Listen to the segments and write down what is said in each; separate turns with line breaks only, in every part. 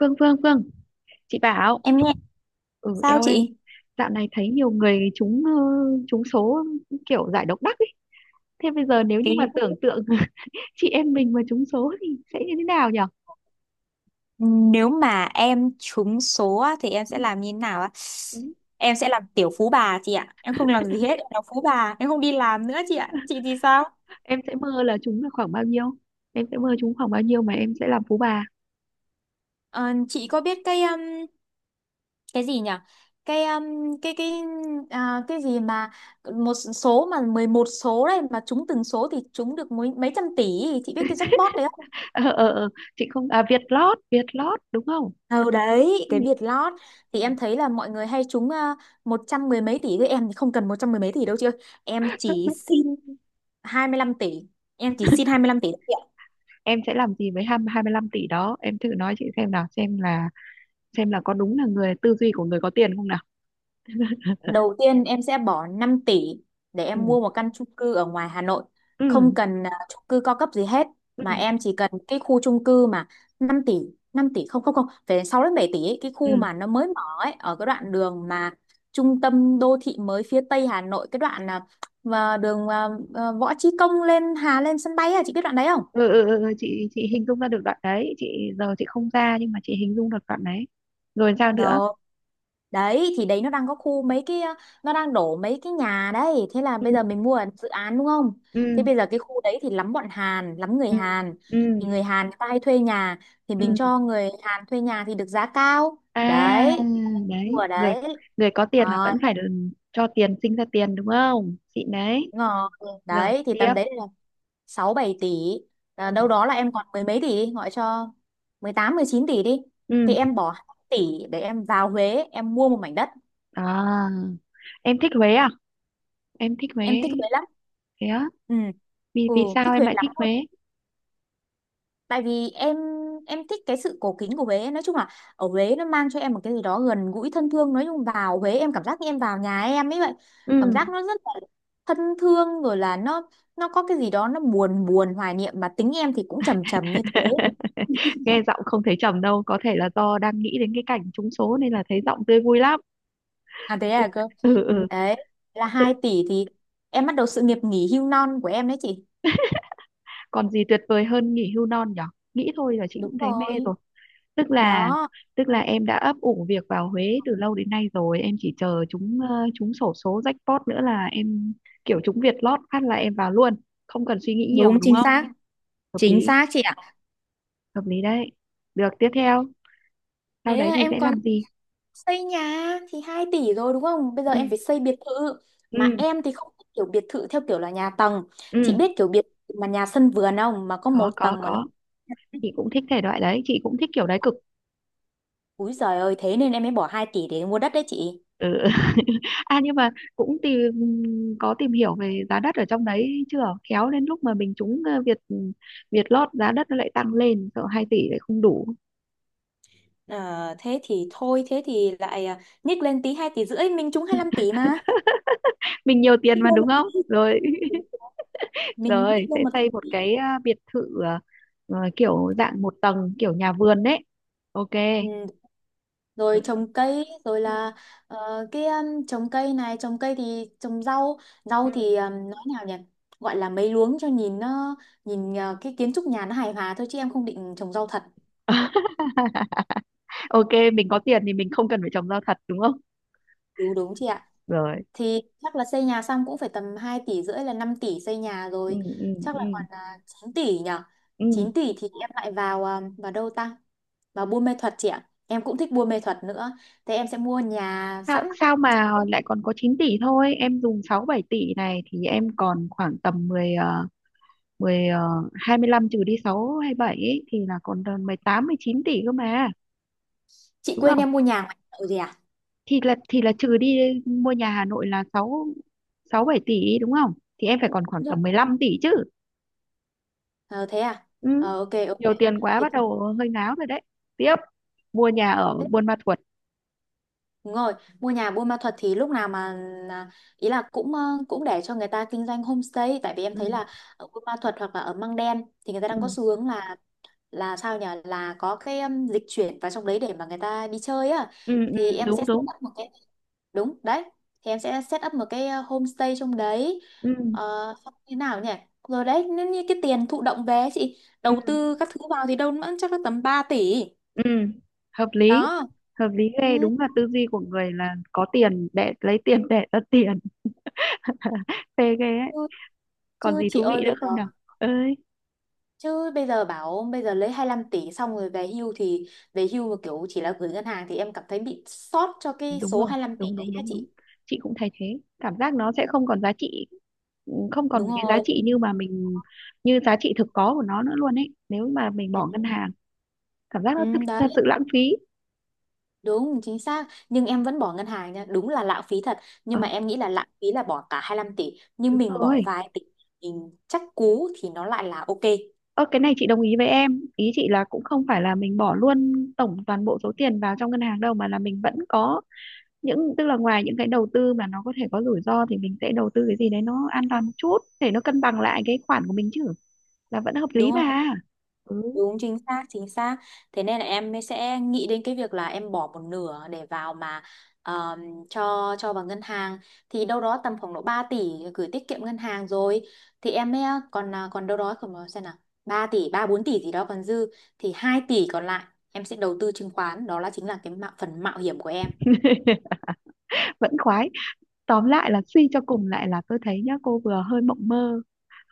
Phương Phương Phương, chị bảo.
Em nghe
Ừ,
sao
eo ơi,
chị?
dạo này thấy nhiều người trúng trúng số, kiểu giải độc đắc ấy. Thế bây giờ nếu như mà
Cái
tưởng tượng chị em mình mà trúng số thì sẽ như thế nào nhở?
Nếu mà em trúng số á, thì em
Ừ,
sẽ làm như thế nào á?
ừ.
Em sẽ làm tiểu phú bà chị ạ. Em không làm gì hết, em làm phú bà, em không đi làm nữa chị ạ. Chị thì sao?
Em sẽ mơ là trúng là khoảng bao nhiêu, em sẽ mơ trúng khoảng bao nhiêu mà em sẽ làm phú bà.
Ờ, chị có biết cái gì nhỉ? Cái um, cái à, cái gì mà một số mà 11 số đấy mà trúng từng số thì trúng được mấy mấy trăm tỷ, chị biết cái jackpot đấy không?
Ờ ờ ờ, chị không à? Việt Lót, Việt Lót đúng không?
Ừ đấy,
Ừ.
cái Việt Lót thì em thấy là mọi người hay trúng một trăm mười mấy tỷ, với em thì không cần một trăm mười mấy tỷ đâu chị ơi. Em chỉ xin 25 tỷ. Em chỉ xin 25 tỷ.
Em sẽ làm gì với hai, hai mươi 25 tỷ đó, em thử nói chị xem nào, xem là có đúng là người tư duy của người có tiền không nào.
Đầu tiên em sẽ bỏ 5 tỷ để em
Ừ,
mua một căn chung cư ở ngoài Hà Nội. Không
ừ,
cần à, chung cư cao cấp gì hết mà
ừ,
em chỉ cần cái khu chung cư mà 5 tỷ, 5 tỷ không không không, phải 6 đến 7 tỷ ấy, cái khu
ừ.
mà nó mới mở ấy, ở cái đoạn đường mà trung tâm đô thị mới phía Tây Hà Nội, cái đoạn à, mà đường à, à, Võ Chí Công lên Hà lên sân bay, à, chị biết đoạn đấy không?
Ừ, ừ, ừ, ừ, chị hình dung ra được đoạn đấy, chị giờ chị không ra nhưng mà chị hình dung được đoạn đấy. Rồi sao nữa?
Đâu. Đấy thì đấy nó đang có khu mấy nó đang đổ mấy cái nhà đấy, thế là
Ừ,
bây giờ mình mua ở dự án đúng không? Thế
ừ,
bây giờ cái khu đấy thì lắm bọn Hàn, lắm người
ừ,
Hàn.
ừ,
Thì người Hàn người ta hay thuê nhà, thì
ừ.
mình cho người Hàn thuê nhà thì được giá cao.
À
Đấy, mua
đấy,
ở
người
đấy.
người có tiền là
Rồi,
vẫn phải được, cho tiền sinh ra tiền đúng không chị? Đấy,
đúng.
rồi
Đấy thì
tiếp.
tầm đấy là 6 7 tỷ. À, đâu
Ừ,
đó là em còn mười mấy tỷ đi, gọi cho mười tám mười chín tỷ đi. Thì
ừ.
em bỏ 2 tỷ để em vào Huế, em mua một mảnh đất.
À, em thích Huế à? Em thích Huế?
Em thích Huế lắm,
Thế á?
ừ
Vì
ừ,
vì sao
thích
em
Huế
lại
lắm
thích
luôn.
Huế?
Tại vì em thích cái sự cổ kính của Huế, nói chung là ở Huế nó mang cho em một cái gì đó gần gũi thân thương, nói chung vào Huế em cảm giác như em vào nhà em ấy vậy.
Ừ.
Cảm giác nó rất là thân thương, rồi là nó có cái gì đó nó buồn buồn hoài niệm mà tính em thì cũng trầm trầm như thế.
Nghe giọng không thấy trầm đâu, có thể là do đang nghĩ đến cái cảnh trúng số nên là thấy giọng tươi vui lắm.
À thế à cơ.
Ừ, ừ.
Đấy là
Tự-
2 tỷ thì em bắt đầu sự nghiệp nghỉ hưu non của em đấy chị.
còn gì tuyệt vời hơn nghỉ hưu non nhở, nghĩ thôi là chị
Đúng
cũng thấy mê
rồi,
rồi. Tức là
đó,
tức là em đã ấp ủ việc vào Huế từ lâu đến nay rồi, em chỉ chờ chúng chúng xổ số jackpot nữa là em kiểu chúng Việt lót phát là em vào luôn, không cần suy nghĩ nhiều
đúng
đúng
chính
không?
xác,
Hợp
chính
lý,
xác chị.
hợp lý đấy. Được, tiếp theo sau
Thế
đấy
là
thì
em
sẽ
còn
làm gì?
xây nhà thì 2 tỷ rồi đúng không? Bây giờ
Ừ,
em phải xây biệt thự. Mà
ừ,
em thì không thích kiểu biệt thự theo kiểu là nhà tầng. Chị biết kiểu biệt thự mà nhà sân vườn không? Mà có một
có
tầng mà nó...
có chị cũng thích thể loại đấy, chị cũng thích kiểu đấy cực.
Úi giời ơi, thế nên em mới bỏ 2 tỷ để mua đất đấy chị.
Ừ. À nhưng mà cũng tìm, có tìm hiểu về giá đất ở trong đấy chưa? Khéo đến lúc mà mình trúng Việt Việt lót, giá đất nó lại tăng lên, sợ 2 tỷ lại không đủ.
Ờ, thế thì thôi, thế thì lại à, nhích lên tí 2 tỷ rưỡi, mình trúng hai lăm tỷ mà.
Mình nhiều tiền
Nhích
mà
lên
đúng
một
không?
tí.
Rồi,
Mình
rồi
nhích lên
sẽ
một
xây
tỷ.
một cái biệt thự, kiểu dạng một tầng, kiểu nhà vườn đấy. Ok.
Ừ, rồi trồng cây, rồi
Ừ.
là ờ, cái trồng cây này, trồng cây thì trồng rau, rau
Ừ.
thì nói nào nhỉ, gọi là mấy luống cho nhìn nó nhìn ờ, cái kiến trúc nhà nó hài hòa thôi chứ em không định trồng rau thật.
Ừ. Ok, mình có tiền thì mình không cần phải trồng rau thật đúng không?
Đúng đúng chị ạ.
Rồi.
Thì chắc là xây nhà xong cũng phải tầm 2 tỷ rưỡi, là 5 tỷ xây nhà
Ừ
rồi.
ừ.
Chắc là
Ừ.
còn 9 tỷ nhỉ.
Ừ.
Chín tỷ thì em lại vào ờ, vào đâu ta, vào buôn mê thuật chị ạ, em cũng thích buôn mê thuật nữa. Thế em sẽ mua nhà
Sao
sẵn.
sao mà lại còn có 9 tỷ thôi, em dùng 6 7 tỷ này thì em còn khoảng tầm 10 25 trừ đi 6 hay 7 ấy, thì là còn tầm 18 19 tỷ cơ mà,
Chị
đúng
quên
không?
em mua nhà ngoài chợ gì.
Thì là thì là trừ đi, mua nhà Hà Nội là 6 6 7 tỷ đúng không, thì em phải còn khoảng tầm mười
À.
lăm tỷ chứ.
Ờ thế à?
Ừ.
Ờ ok ok.
Nhiều tiền quá
Thì
bắt đầu hơi ngáo rồi đấy. Tiếp, mua nhà ở
tiếp-
Buôn Ma Thuột.
đúng rồi, mua nhà Buôn Ma Thuột thì lúc nào mà là- ý là cũng ờ, cũng để cho người ta kinh doanh homestay, tại vì em thấy
Ừ.
là ở Buôn Ma Thuột hoặc là ở Măng Đen thì người ta
Ừ.
đang có xu hướng là sao nhỉ? Là có cái dịch chuyển vào trong đấy để mà người ta đi chơi á,
Ừ. Ừ,
thì em
đúng
sẽ set
đúng.
up một cái. Đúng đấy. Thì em sẽ set up một cái homestay trong đấy.
Ừ.
Ờ xong thế nào nhỉ? Rồi đấy, nếu như cái tiền thụ động về ấy chị
Ừ.
đầu tư các thứ vào thì đâu nữa chắc là tầm 3 tỷ.
Ừ, hợp lý,
Đó,
hợp lý ghê,
ừ,
đúng là tư duy của người là có tiền để lấy tiền để ra tiền. Phê ghê ấy,
chứ,
còn
chứ
gì
chị
thú vị
ơi,
nữa
bây giờ
không nào? Ơi,
chứ bây giờ bảo bây giờ lấy hai lăm tỷ xong rồi về hưu thì về hưu mà kiểu chỉ là gửi ngân hàng thì em cảm thấy bị sót cho cái
đúng
số
rồi,
hai lăm tỷ
đúng
đấy
đúng
hả
đúng đúng,
chị.
chị cũng thấy thế, cảm giác nó sẽ không còn giá trị. Ừ, không
Đúng
còn cái giá
rồi,
trị như mà mình như giá trị thực có của nó nữa luôn ấy, nếu mà mình bỏ ngân
ừ,
hàng, cảm giác
ừ,
nó thực,
đấy,
thật sự lãng phí.
đúng chính xác, nhưng em vẫn bỏ ngân hàng nha, đúng là lãng phí thật,
Ờ,
nhưng mà em nghĩ là lãng phí là bỏ cả hai lăm tỷ, nhưng
đúng
mình bỏ
rồi.
vài tỷ mình chắc cú thì nó lại là ok,
Ơ cái này chị đồng ý với em ý, chị là cũng không phải là mình bỏ luôn tổng toàn bộ số tiền vào trong ngân hàng đâu, mà là mình vẫn có những, tức là ngoài những cái đầu tư mà nó có thể có rủi ro thì mình sẽ đầu tư cái gì đấy nó an toàn một chút để nó cân bằng lại cái khoản của mình chứ, là vẫn hợp
đúng
lý
không.
mà. Ừ.
Đúng chính xác, chính xác. Thế nên là em mới sẽ nghĩ đến cái việc là em bỏ một nửa để vào mà ờm, cho vào ngân hàng thì đâu đó tầm khoảng độ 3 tỷ gửi tiết kiệm ngân hàng rồi, thì em mới còn à, còn đâu đó, còn xem nào, 3 tỷ 3 4 tỷ gì đó còn dư, thì 2 tỷ còn lại em sẽ đầu tư chứng khoán, đó là chính là cái mạo, phần mạo hiểm của em.
Vẫn khoái. Tóm lại là suy cho cùng lại là tôi thấy nhá, cô vừa hơi mộng mơ,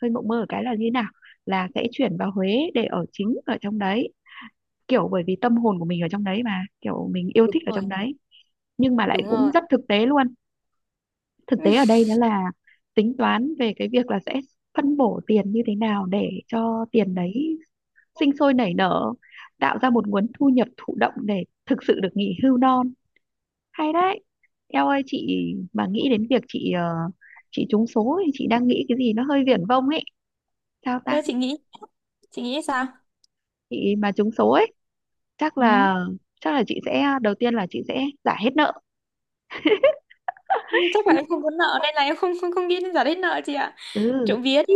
hơi mộng mơ ở cái là như thế nào, là sẽ chuyển vào Huế để ở chính ở trong đấy, kiểu bởi vì tâm hồn của mình ở trong đấy mà, kiểu mình yêu
Đúng
thích ở
rồi,
trong đấy. Nhưng mà lại
đúng
cũng
rồi.
rất thực tế luôn, thực tế ở đây đó là tính toán về cái việc là sẽ phân bổ tiền như thế nào để cho tiền đấy sinh sôi nảy nở, tạo ra một nguồn thu nhập thụ động để thực sự được nghỉ hưu non. Hay đấy. Em ơi, chị mà nghĩ đến việc chị trúng số thì chị đang nghĩ cái gì nó hơi viển vông ấy, sao ta?
Thế chị nghĩ, chị nghĩ sao?
Chị mà trúng số ấy, chắc
Ừ.
là, chắc là chị sẽ, đầu tiên là chị sẽ giải hết nợ.
Chắc là em không có nợ, nên là em không không không nghĩ đến giải hết nợ chị ạ,
Ừ.
trộm vía đi.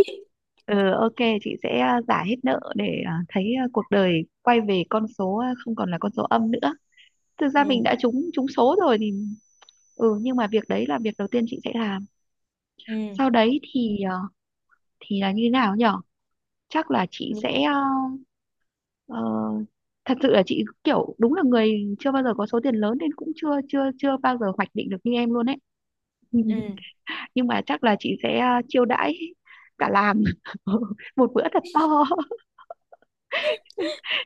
Ừ, ok, chị sẽ à, giả hết nợ để à, thấy à, cuộc đời quay về con số à, không còn là con số âm nữa. Thực ra mình
Ừ
đã trúng trúng số rồi thì ừ, nhưng mà việc đấy là việc đầu tiên chị sẽ làm.
ừ.
Sau đấy thì à, thì là như thế nào nhở? Chắc là chị
Nhị-
sẽ à, ờ, thật sự là chị kiểu đúng là người chưa bao giờ có số tiền lớn nên cũng chưa chưa chưa bao giờ hoạch định được như em luôn ấy.
ừ.
Nhưng mà chắc là chị sẽ à, chiêu đãi cả làm một bữa thật to.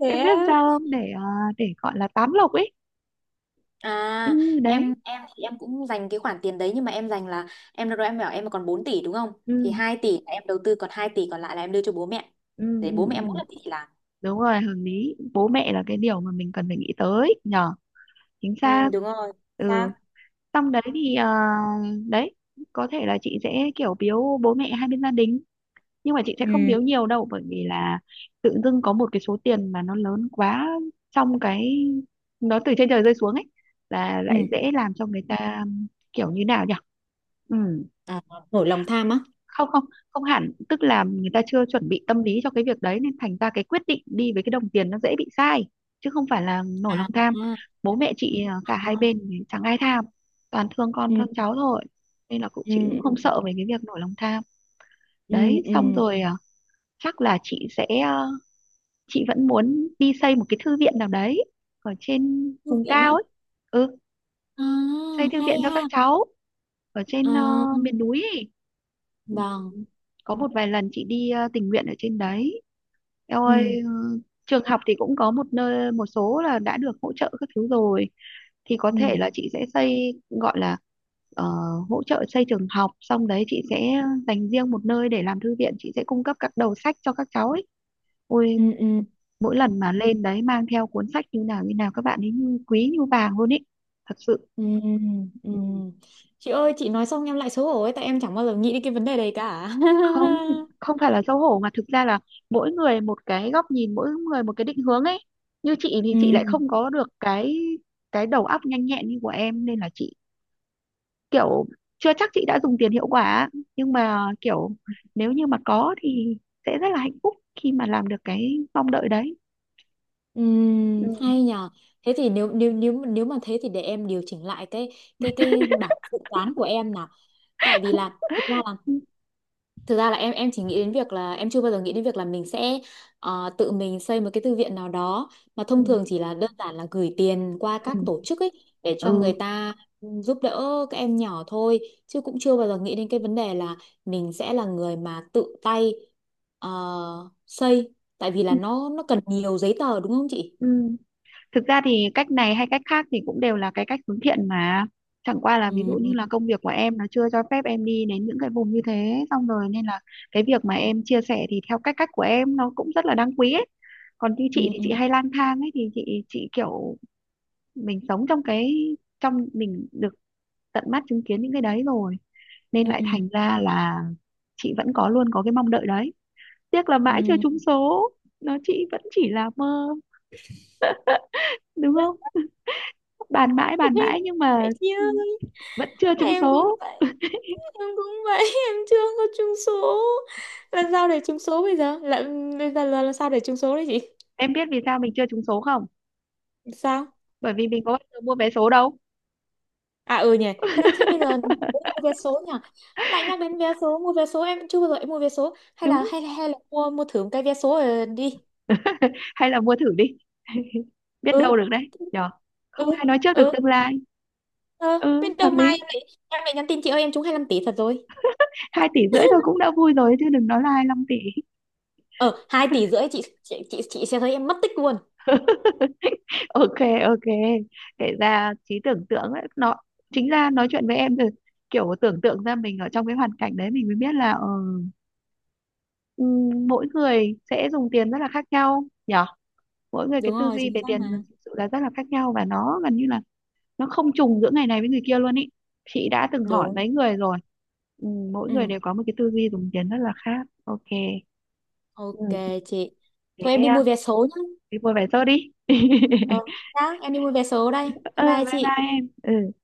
Thế
Em biết
á.
sao không, để để gọi là tám lộc ấy.
À,
Ừ, đấy.
em thì em cũng dành cái khoản tiền đấy, nhưng mà em dành là em lúc đó em bảo em còn 4 tỷ đúng không?
Ừ,
Thì 2 tỷ là em đầu tư, còn 2 tỷ còn lại là em đưa cho bố mẹ.
ừ,
Để bố
ừ,
mẹ em mỗi
ừ.
lần đi thì làm.
Đúng rồi, hợp lý, bố mẹ là cái điều mà mình cần phải nghĩ tới nhờ, chính
Ừ,
xác.
đúng rồi, xác,
Ừ. Xong đấy thì đấy, có thể là chị sẽ kiểu biếu bố mẹ hai bên gia đình, nhưng mà chị sẽ không
ừ
biếu nhiều đâu, bởi vì là tự dưng có một cái số tiền mà nó lớn quá, trong cái, nó từ trên trời rơi xuống ấy, là
ừ,
lại dễ làm cho người ta kiểu như nào nhỉ. Ừ,
à, nổi lòng tham á.
không, không, không hẳn, tức là người ta chưa chuẩn bị tâm lý cho cái việc đấy, nên thành ra cái quyết định đi với cái đồng tiền nó dễ bị sai, chứ không phải là nổi lòng tham.
À,
Bố mẹ chị à, cả hai bên thì chẳng ai tham, toàn thương con
ừ
thương cháu thôi, nên là cũng chị cũng không
ừ
sợ về cái việc nổi lòng tham.
ừ
Đấy,
ừ.
xong rồi à, chắc là chị sẽ à, chị vẫn muốn đi xây một cái thư viện nào đấy ở trên
Thư
vùng
viện
cao
á.
ấy. Ừ,
À,
xây thư viện
hay
cho các
ha.
cháu ở trên
À,
miền núi ấy. Ừ,
vâng.
có một vài lần chị đi tình nguyện ở trên đấy. Eo
Ừ
ơi, ừ, trường học thì cũng có một nơi, một số là đã được hỗ trợ các thứ rồi, thì có thể
ừ
là chị sẽ xây gọi là ờ, hỗ trợ xây trường học, xong đấy chị sẽ dành riêng một nơi để làm thư viện, chị sẽ cung cấp các đầu sách cho các cháu ấy. Ôi,
ừ ừ.
mỗi lần mà lên đấy mang theo cuốn sách như nào các bạn ấy như quý như vàng luôn ấy, thật sự.
Ừ, ừ. Chị ơi chị nói xong em lại xấu hổ ấy, tại em chẳng bao giờ nghĩ đến cái vấn đề đấy cả.
Không, không phải là xấu hổ, mà thực ra là mỗi người một cái góc nhìn, mỗi người một cái định hướng ấy. Như chị thì chị lại
Ừ,
không có được cái đầu óc nhanh nhẹn như của em, nên là chị kiểu chưa chắc chị đã dùng tiền hiệu quả, nhưng mà kiểu nếu như mà có thì sẽ rất là hạnh phúc khi mà làm được cái mong đợi đấy.
ừ,
Ừ,
hay nhờ. Thế thì nếu nếu nếu nếu mà thế thì để em điều chỉnh lại cái cái bảng dự toán của em nào, tại vì là thực ra là.
ừ,
Thực ra là em chỉ nghĩ đến việc là em chưa bao giờ nghĩ đến việc là mình sẽ ờ, tự mình xây một cái thư viện nào đó, mà
ừ,
thông thường chỉ là đơn giản là gửi tiền qua các tổ chức ấy để cho người
ừ.
ta giúp đỡ các em nhỏ thôi, chứ cũng chưa bao giờ nghĩ đến cái vấn đề là mình sẽ là người mà tự tay ờ, xây, tại vì là
Ừ,
nó cần nhiều giấy tờ đúng không chị?
ừ. Thực ra thì cách này hay cách khác thì cũng đều là cái cách hướng thiện mà, chẳng qua là ví dụ như
Ừ
là công việc của em nó chưa cho phép em đi đến những cái vùng như thế xong rồi, nên là cái việc mà em chia sẻ thì theo cách cách của em nó cũng rất là đáng quý ấy. Còn như
ừ
chị thì chị
ừ
hay lang thang ấy, thì chị kiểu mình sống trong cái, trong mình được tận mắt chứng kiến những cái đấy rồi, nên
ừ
lại
ừ
thành ra là chị vẫn có, luôn có cái mong đợi đấy. Tiếc là mãi chưa trúng
ừ
số, nó chị vẫn chỉ là mơ, đúng không? Bàn mãi bàn mãi nhưng mà
vậy chứ.
ừ, vẫn chưa trúng
Em cũng
số.
vậy, em cũng vậy. Em chưa có chung số. Là sao bây giờ, là sao để trúng số đấy chị?
Em biết vì sao mình chưa trúng số không?
Sao?
Bởi vì mình có bao giờ mua vé số đâu.
À ừ nhỉ. Thế thế bây giờ mua vé số nhỉ, lại nhắc đến vé số, mua vé số, em chưa bao giờ em mua vé số, hay là
Đúng.
hay hay là mua, mua thử một cái vé số rồi đi.
Hay là mua thử đi. Biết
Ừ
đâu được đấy nhở,
ừ
không ai nói trước được
ừ
tương lai.
ờ,
Ừ,
bên
hợp
đầu
lý.
mai em lại, em lại nhắn tin chị ơi em trúng 25 tỷ thật rồi.
Hai tỷ rưỡi thôi cũng đã vui rồi, chứ đừng nói là hai năm tỷ.
Ờ hai tỷ rưỡi, chị chị sẽ thấy em mất tích luôn.
Ok, ok, kể ra trí tưởng tượng ấy, nó, chính ra nói chuyện với em rồi, kiểu tưởng tượng ra mình ở trong cái hoàn cảnh đấy mình mới biết là ừ, mỗi người sẽ dùng tiền rất là khác nhau nhỉ. Mỗi người cái
Đúng
tư
rồi,
duy
chính
về
xác
tiền
mà.
thực sự là rất là khác nhau, và nó gần như là nó không trùng giữa ngày này với người kia luôn ý, chị đã từng hỏi
Đúng.
mấy người rồi. Ừ, mỗi người
Ừ
đều có một cái tư duy dùng tiền rất là khác. Ok. Ừ,
ok chị.
thế
Thôi em đi
à,
mua vé số nhá.
thế vui vẻ thôi đi.
Ờ nhá, em đi mua vé số đây,
Ừ,
bye bye
bye
chị.
bye em, ừ.